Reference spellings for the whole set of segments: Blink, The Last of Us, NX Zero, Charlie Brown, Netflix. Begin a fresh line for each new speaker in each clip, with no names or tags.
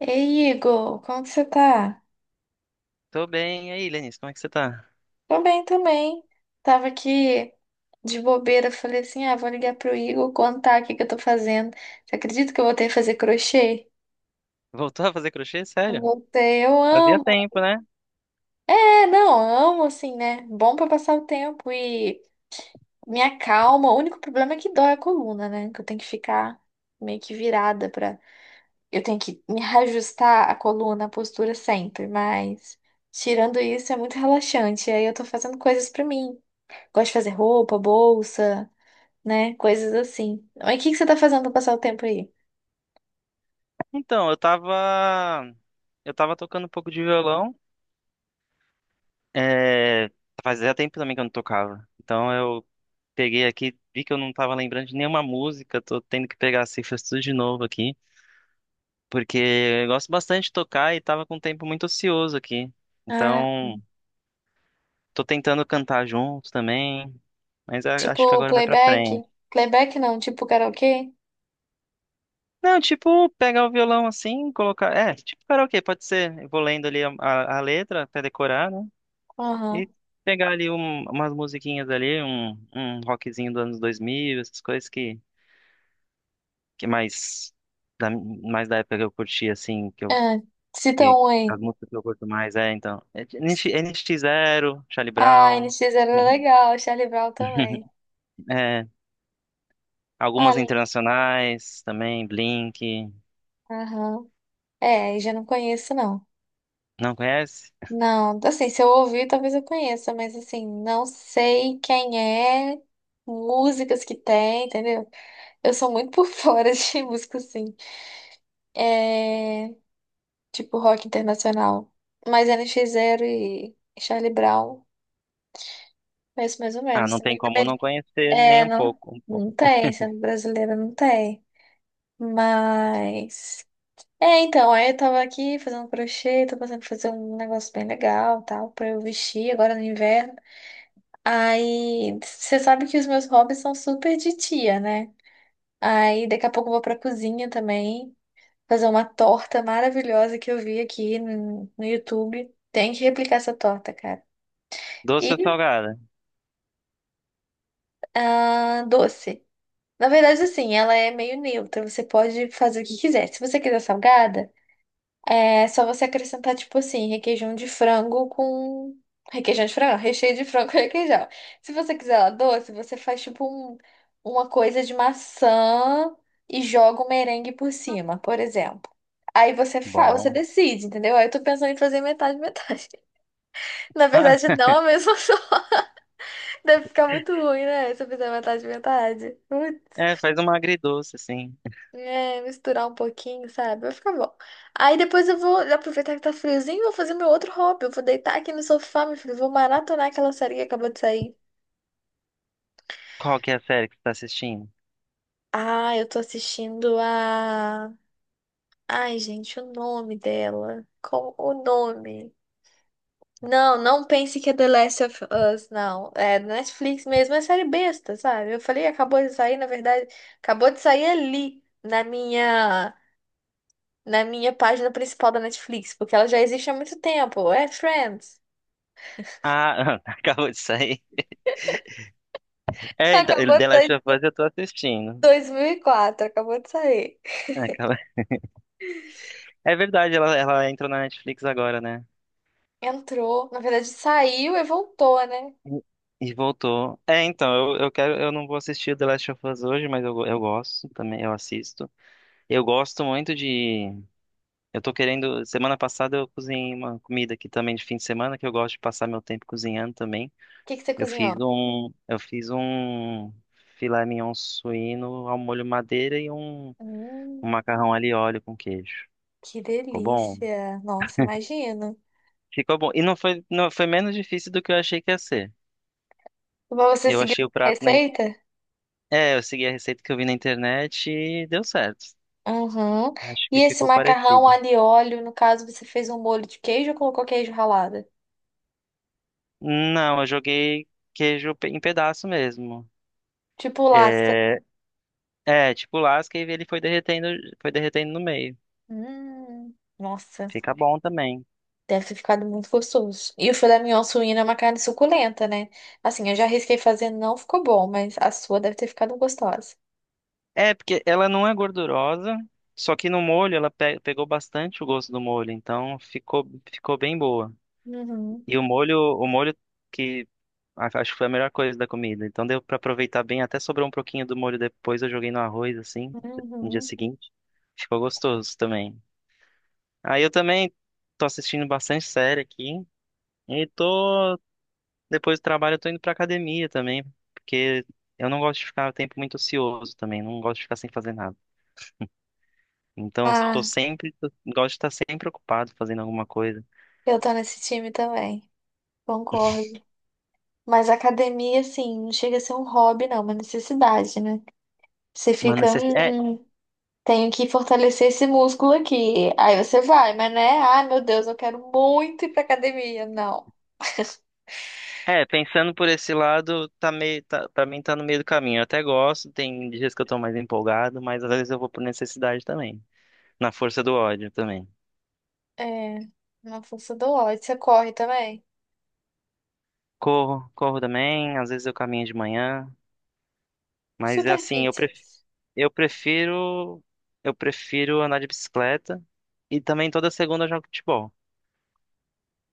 Ei, Igor, como que você tá?
Tô bem. E aí, Lenice, como é que você tá?
Tô bem também. Tava aqui de bobeira, falei assim, ah, vou ligar pro Igor contar o que que eu tô fazendo. Você acredita que eu voltei a fazer crochê?
Voltou a fazer crochê? Sério?
Voltei, eu
Fazia
amo.
tempo, né?
É, não, amo assim, né? Bom pra passar o tempo e me acalma. O único problema é que dói a coluna, né? Que eu tenho que ficar meio que virada pra. Eu tenho que me reajustar a coluna, a postura sempre, mas. Tirando isso, é muito relaxante. E aí eu tô fazendo coisas pra mim. Gosto de fazer roupa, bolsa, né? Coisas assim. Mas o que que você tá fazendo pra passar o tempo aí?
Então, eu tava tocando um pouco de violão. É... Fazia tempo também que eu não tocava. Então eu peguei aqui, vi que eu não tava lembrando de nenhuma música, tô tendo que pegar as cifras tudo de novo aqui. Porque eu gosto bastante de tocar e tava com um tempo muito ocioso aqui.
Ah,
Então, tô tentando cantar junto também, mas acho que
tipo
agora vai pra
playback?
frente.
Playback não, tipo karaokê?
Não, tipo, pegar o violão assim, colocar. É, tipo karaokê, pode ser. Eu vou lendo ali a letra até decorar, né?
Aham.
E pegar ali umas musiquinhas ali, um rockzinho dos anos 2000, essas coisas que mais, mais da época que eu curti, assim, que eu.
Ah, cita
Que,
um aí.
As músicas que eu curto mais, é, então. É, NX Zero, Charlie
Ah,
Brown.
NX era legal, Charlie Brown também.
É, algumas
Olha,
internacionais também, Blink.
aham. É, já não conheço, não.
Não conhece?
Não, assim, se eu ouvir, talvez eu conheça, mas assim, não sei quem é, músicas que tem, entendeu? Eu sou muito por fora de música, assim. É, tipo rock internacional. Mas NX Zero e Charlie Brown, conheço mais ou
Ah,
menos.
não tem
Também
como
depende.
não conhecer
É,
nem um
não,
pouco.
não tem, sendo brasileira não tem. Mas. É, então, aí eu tava aqui fazendo crochê, tô pensando em fazer um negócio bem legal, tal, pra eu vestir agora no inverno. Aí, você sabe que os meus hobbies são super de tia, né? Aí, daqui a pouco eu vou pra cozinha também, fazer uma torta maravilhosa que eu vi aqui no YouTube. Tem que replicar essa torta, cara.
Doce
E
ou salgada?
a doce. Na verdade, assim, ela é meio neutra. Você pode fazer o que quiser. Se você quiser salgada, é só você acrescentar, tipo assim, requeijão de frango com. Requeijão de frango, recheio de frango com requeijão. Se você quiser ela doce, você faz, tipo, uma coisa de maçã e joga um merengue por cima, por exemplo. Aí você faz, você
Bom.
decide, entendeu? Aí eu tô pensando em fazer metade, metade. Na
Ah,
verdade, não é a mesma. Deve ficar muito ruim, né? Se eu fizer metade, metade.
é, faz uma agridoce, assim.
É, misturar um pouquinho, sabe? Vai ficar bom. Aí depois eu vou aproveitar que tá friozinho e vou fazer meu outro hobby. Eu vou deitar aqui no sofá, meu filho. Vou maratonar aquela série que acabou de sair.
Qual que é a série que você tá assistindo?
Ah, eu tô assistindo a. Ai, gente, o nome dela. Como o nome? Não, não pense que é The Last of Us, não. É Netflix mesmo, é série besta, sabe? Eu falei, acabou de sair, na verdade, acabou de sair ali na minha página principal da Netflix, porque ela já existe há muito tempo. É Friends.
Ah, acabou de sair. É, então,
Acabou de
The Last
sair
of Us eu tô assistindo.
2004, acabou de sair.
É, é verdade, ela entrou na Netflix agora, né?
Entrou, na verdade saiu e voltou, né? O
E voltou. É, então, eu não vou assistir The Last of Us hoje, mas eu gosto também, eu assisto. Eu gosto muito de. Eu tô querendo. Semana passada eu cozinhei uma comida aqui também de fim de semana, que eu gosto de passar meu tempo cozinhando também.
que que você
Eu fiz
cozinhou?
um, eu fiz um filé mignon suíno ao molho madeira e um
Hum,
macarrão ali óleo com queijo.
que
Ficou bom?
delícia. Nossa, imagino.
Ficou bom. E não foi menos difícil do que eu achei que ia ser.
Mas você
Eu
seguiu
achei o
a
prato na,
receita?
é, eu segui a receita que eu vi na internet e deu certo.
Uhum.
Acho
E
que
esse
ficou
macarrão
parecido.
alho e óleo, no caso, você fez um molho de queijo ou colocou queijo ralado?
Não, eu joguei queijo em pedaço mesmo.
Tipo lasca.
É, é, tipo lasca e ele foi derretendo no meio.
Nossa.
Fica bom também.
Deve ter ficado muito gostoso. E o filé mignon suíno é uma carne suculenta, né? Assim, eu já arrisquei fazer, não ficou bom, mas a sua deve ter ficado gostosa.
É, porque ela não é gordurosa, só que no molho ela pegou bastante o gosto do molho, então ficou bem boa.
Uhum,
E o molho que acho que foi a melhor coisa da comida, então deu pra aproveitar bem, até sobrou um pouquinho do molho depois, eu joguei no arroz assim, no dia
uhum.
seguinte. Ficou gostoso também. Aí eu também tô assistindo bastante série aqui e tô depois do trabalho eu tô indo pra academia também, porque eu não gosto de ficar o tempo muito ocioso também, não gosto de ficar sem fazer nada. Então, tô
Ah,
sempre, gosto de estar sempre ocupado fazendo alguma coisa.
eu tô nesse time também. Concordo. Mas a academia, assim, não chega a ser um hobby, não, é uma necessidade, né? Você
Uma
fica,
necess... é,
tenho que fortalecer esse músculo aqui. Aí você vai, mas né? Ai, meu Deus, eu quero muito ir pra academia. Não.
é, pensando por esse lado, tá meio, tá, pra mim tá no meio do caminho. Eu até gosto, tem dias que eu tô mais empolgado, mas às vezes eu vou por necessidade também. Na força do ódio também.
É, na força do ódio. Você corre também?
Corro, corro também, às vezes eu caminho de manhã, mas é
Super
assim,
fit.
eu prefiro, eu prefiro andar de bicicleta e também toda segunda eu jogo futebol.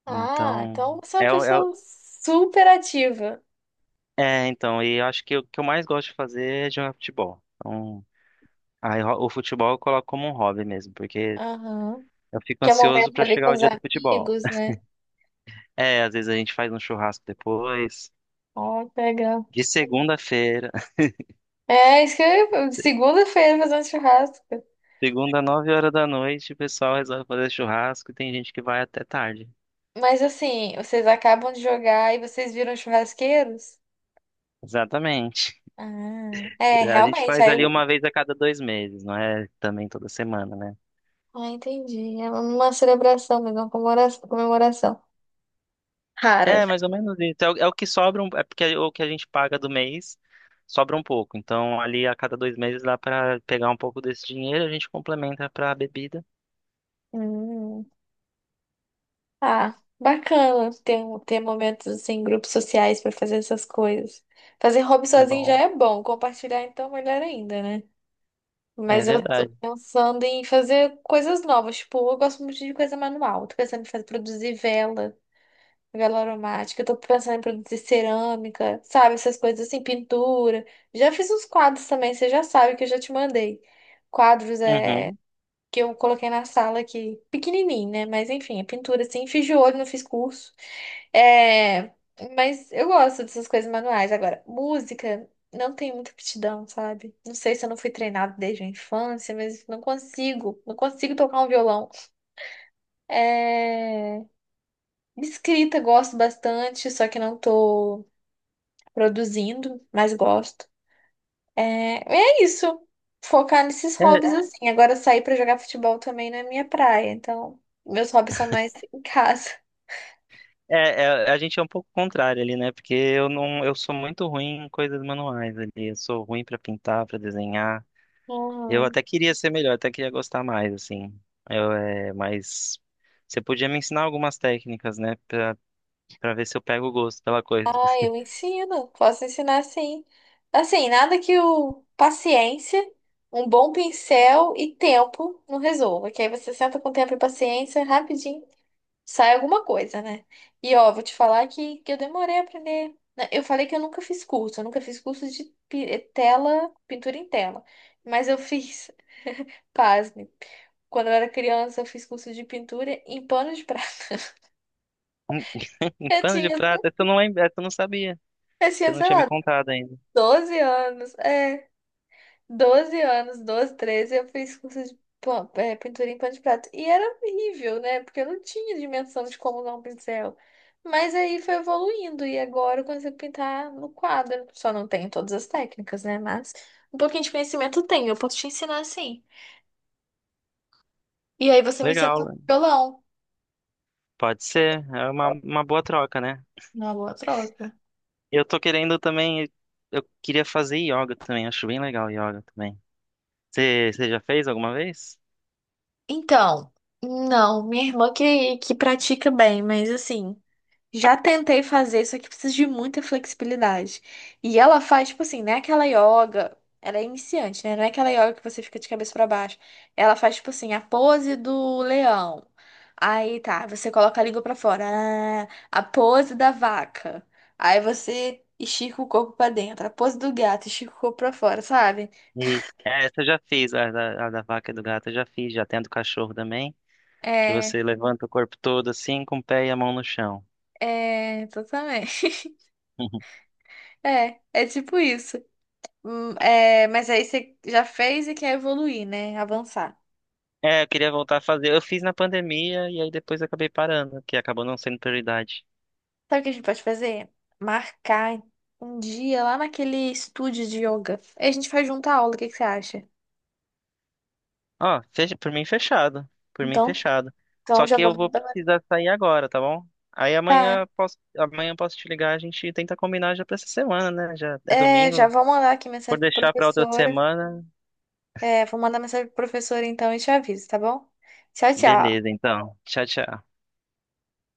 Ah,
Então,
então você é uma
é o- é,
pessoa super ativa.
então, e eu acho que o que eu mais gosto de fazer é jogar futebol. Então, aí, o futebol eu coloco como um hobby mesmo, porque
Aham.
eu fico
Que é o
ansioso
momento
pra
ali
chegar
com
o
os
dia do futebol.
amigos, né?
É, às vezes a gente faz um churrasco depois.
Ó, que legal.
De segunda-feira,
É, isso que eu. Segunda-feira fazendo um churrasco.
segunda, 9 horas da noite, o pessoal resolve fazer churrasco e tem gente que vai até tarde.
Mas assim, vocês acabam de jogar e vocês viram churrasqueiros?
Exatamente.
Ah, é,
A gente
realmente.
faz
Aí
ali
eu.
uma vez a cada 2 meses, não é também toda semana, né?
Ah, entendi. É uma celebração, mas uma comemoração. Comemoração. Rara.
É, mais ou menos isso. É o que sobra, é porque é o que a gente paga do mês sobra um pouco. Então, ali a cada 2 meses dá pra pegar um pouco desse dinheiro, a gente complementa pra bebida.
Hum. Ah, bacana ter, ter momentos assim, em grupos sociais pra fazer essas coisas. Fazer hobby
É
sozinho já
bom.
é bom, compartilhar então melhor ainda, né?
É
Mas eu tô
verdade.
pensando em fazer coisas novas, tipo, eu gosto muito de coisa manual. Tô pensando em fazer, produzir vela, vela aromática, eu tô pensando em produzir cerâmica, sabe, essas coisas assim, pintura. Já fiz uns quadros também, você já sabe que eu já te mandei. Quadros
Uhum.
que eu coloquei na sala aqui, pequenininho, né? Mas enfim, é pintura assim, fiz de olho, não fiz curso. É, mas eu gosto dessas coisas manuais. Agora, música, não tenho muita aptidão, sabe? Não sei se eu não fui treinada desde a infância, mas não consigo, não consigo tocar um violão. É, escrita, gosto bastante, só que não tô produzindo, mas gosto. É, é isso. Focar nesses
É,
hobbies. Tá? Assim. Agora sair pra jogar futebol também não é minha praia. Então, meus hobbies são mais em casa.
é, é, a gente é um pouco contrário ali, né? Porque eu não, eu sou muito ruim em coisas manuais ali. Eu sou ruim pra pintar, pra desenhar. Eu
Uhum.
até queria ser melhor, até queria gostar mais, assim. Eu, é, mas você podia me ensinar algumas técnicas, né? Pra, pra ver se eu pego o gosto pela coisa.
Ah, eu ensino. Posso ensinar sim. Assim, nada que o paciência, um bom pincel e tempo não resolva. Que aí você senta com tempo e paciência rapidinho. Sai alguma coisa, né? E ó, vou te falar que eu demorei a aprender. Né? Eu falei que eu nunca fiz curso, eu nunca fiz curso de pintura em tela. Mas eu fiz, pasme, quando eu era criança, eu fiz curso de pintura em pano de prata.
Um
Eu
pano de
tinha,
prata? Essa eu não sabia.
eu
Você
tinha,
não
sei
tinha me
lá,
contado ainda.
12 anos. É. 12 anos, 12, 13 eu fiz curso de pintura em pano de prato. E era horrível, né? Porque eu não tinha dimensão de como usar um pincel. Mas aí foi evoluindo e agora eu consigo pintar no quadro. Só não tenho todas as técnicas, né? Mas um pouquinho de conhecimento eu tenho, eu posso te ensinar assim. E aí você me ensina a
Legal,
tocar
né?
violão.
Pode ser. É uma boa troca, né?
Uma boa troca.
Eu tô querendo também. Eu queria fazer yoga também. Acho bem legal yoga também. Você, você já fez alguma vez?
Então, não, minha irmã que pratica bem, mas assim. Já tentei fazer, só que precisa de muita flexibilidade. E ela faz, tipo assim, não é aquela yoga. Ela é iniciante, né? Não é aquela yoga que você fica de cabeça pra baixo. Ela faz, tipo assim, a pose do leão. Aí tá, você coloca a língua pra fora. Ah, a pose da vaca. Aí você estica o corpo pra dentro. A pose do gato, estica o corpo pra fora, sabe?
E essa eu já fiz, a da vaca e do gato eu já fiz, já tem a do cachorro também. Que
É,
você levanta o corpo todo assim, com o pé e a mão no chão.
é, totalmente. É, é tipo isso. É, mas aí você já fez e quer evoluir, né? Avançar.
É, eu queria voltar a fazer. Eu fiz na pandemia e aí depois acabei parando, que acabou não sendo prioridade.
Sabe o que a gente pode fazer? Marcar um dia lá naquele estúdio de yoga. Aí a gente faz junto a aula, o que que você acha?
Ó, fecha, por mim fechado. Por mim
Então,
fechado.
então,
Só
já
que
vou
eu vou
mandar.
precisar sair agora, tá bom? Aí
Tá.
amanhã eu posso te ligar, a gente tenta combinar já pra essa semana, né? Já é
É, já
domingo.
vou mandar aqui
Por
mensagem pro
deixar pra outra
professora.
semana.
É, vou mandar mensagem pro professora então e te aviso, tá bom? Tchau, tchau.
Beleza, então. Tchau, tchau.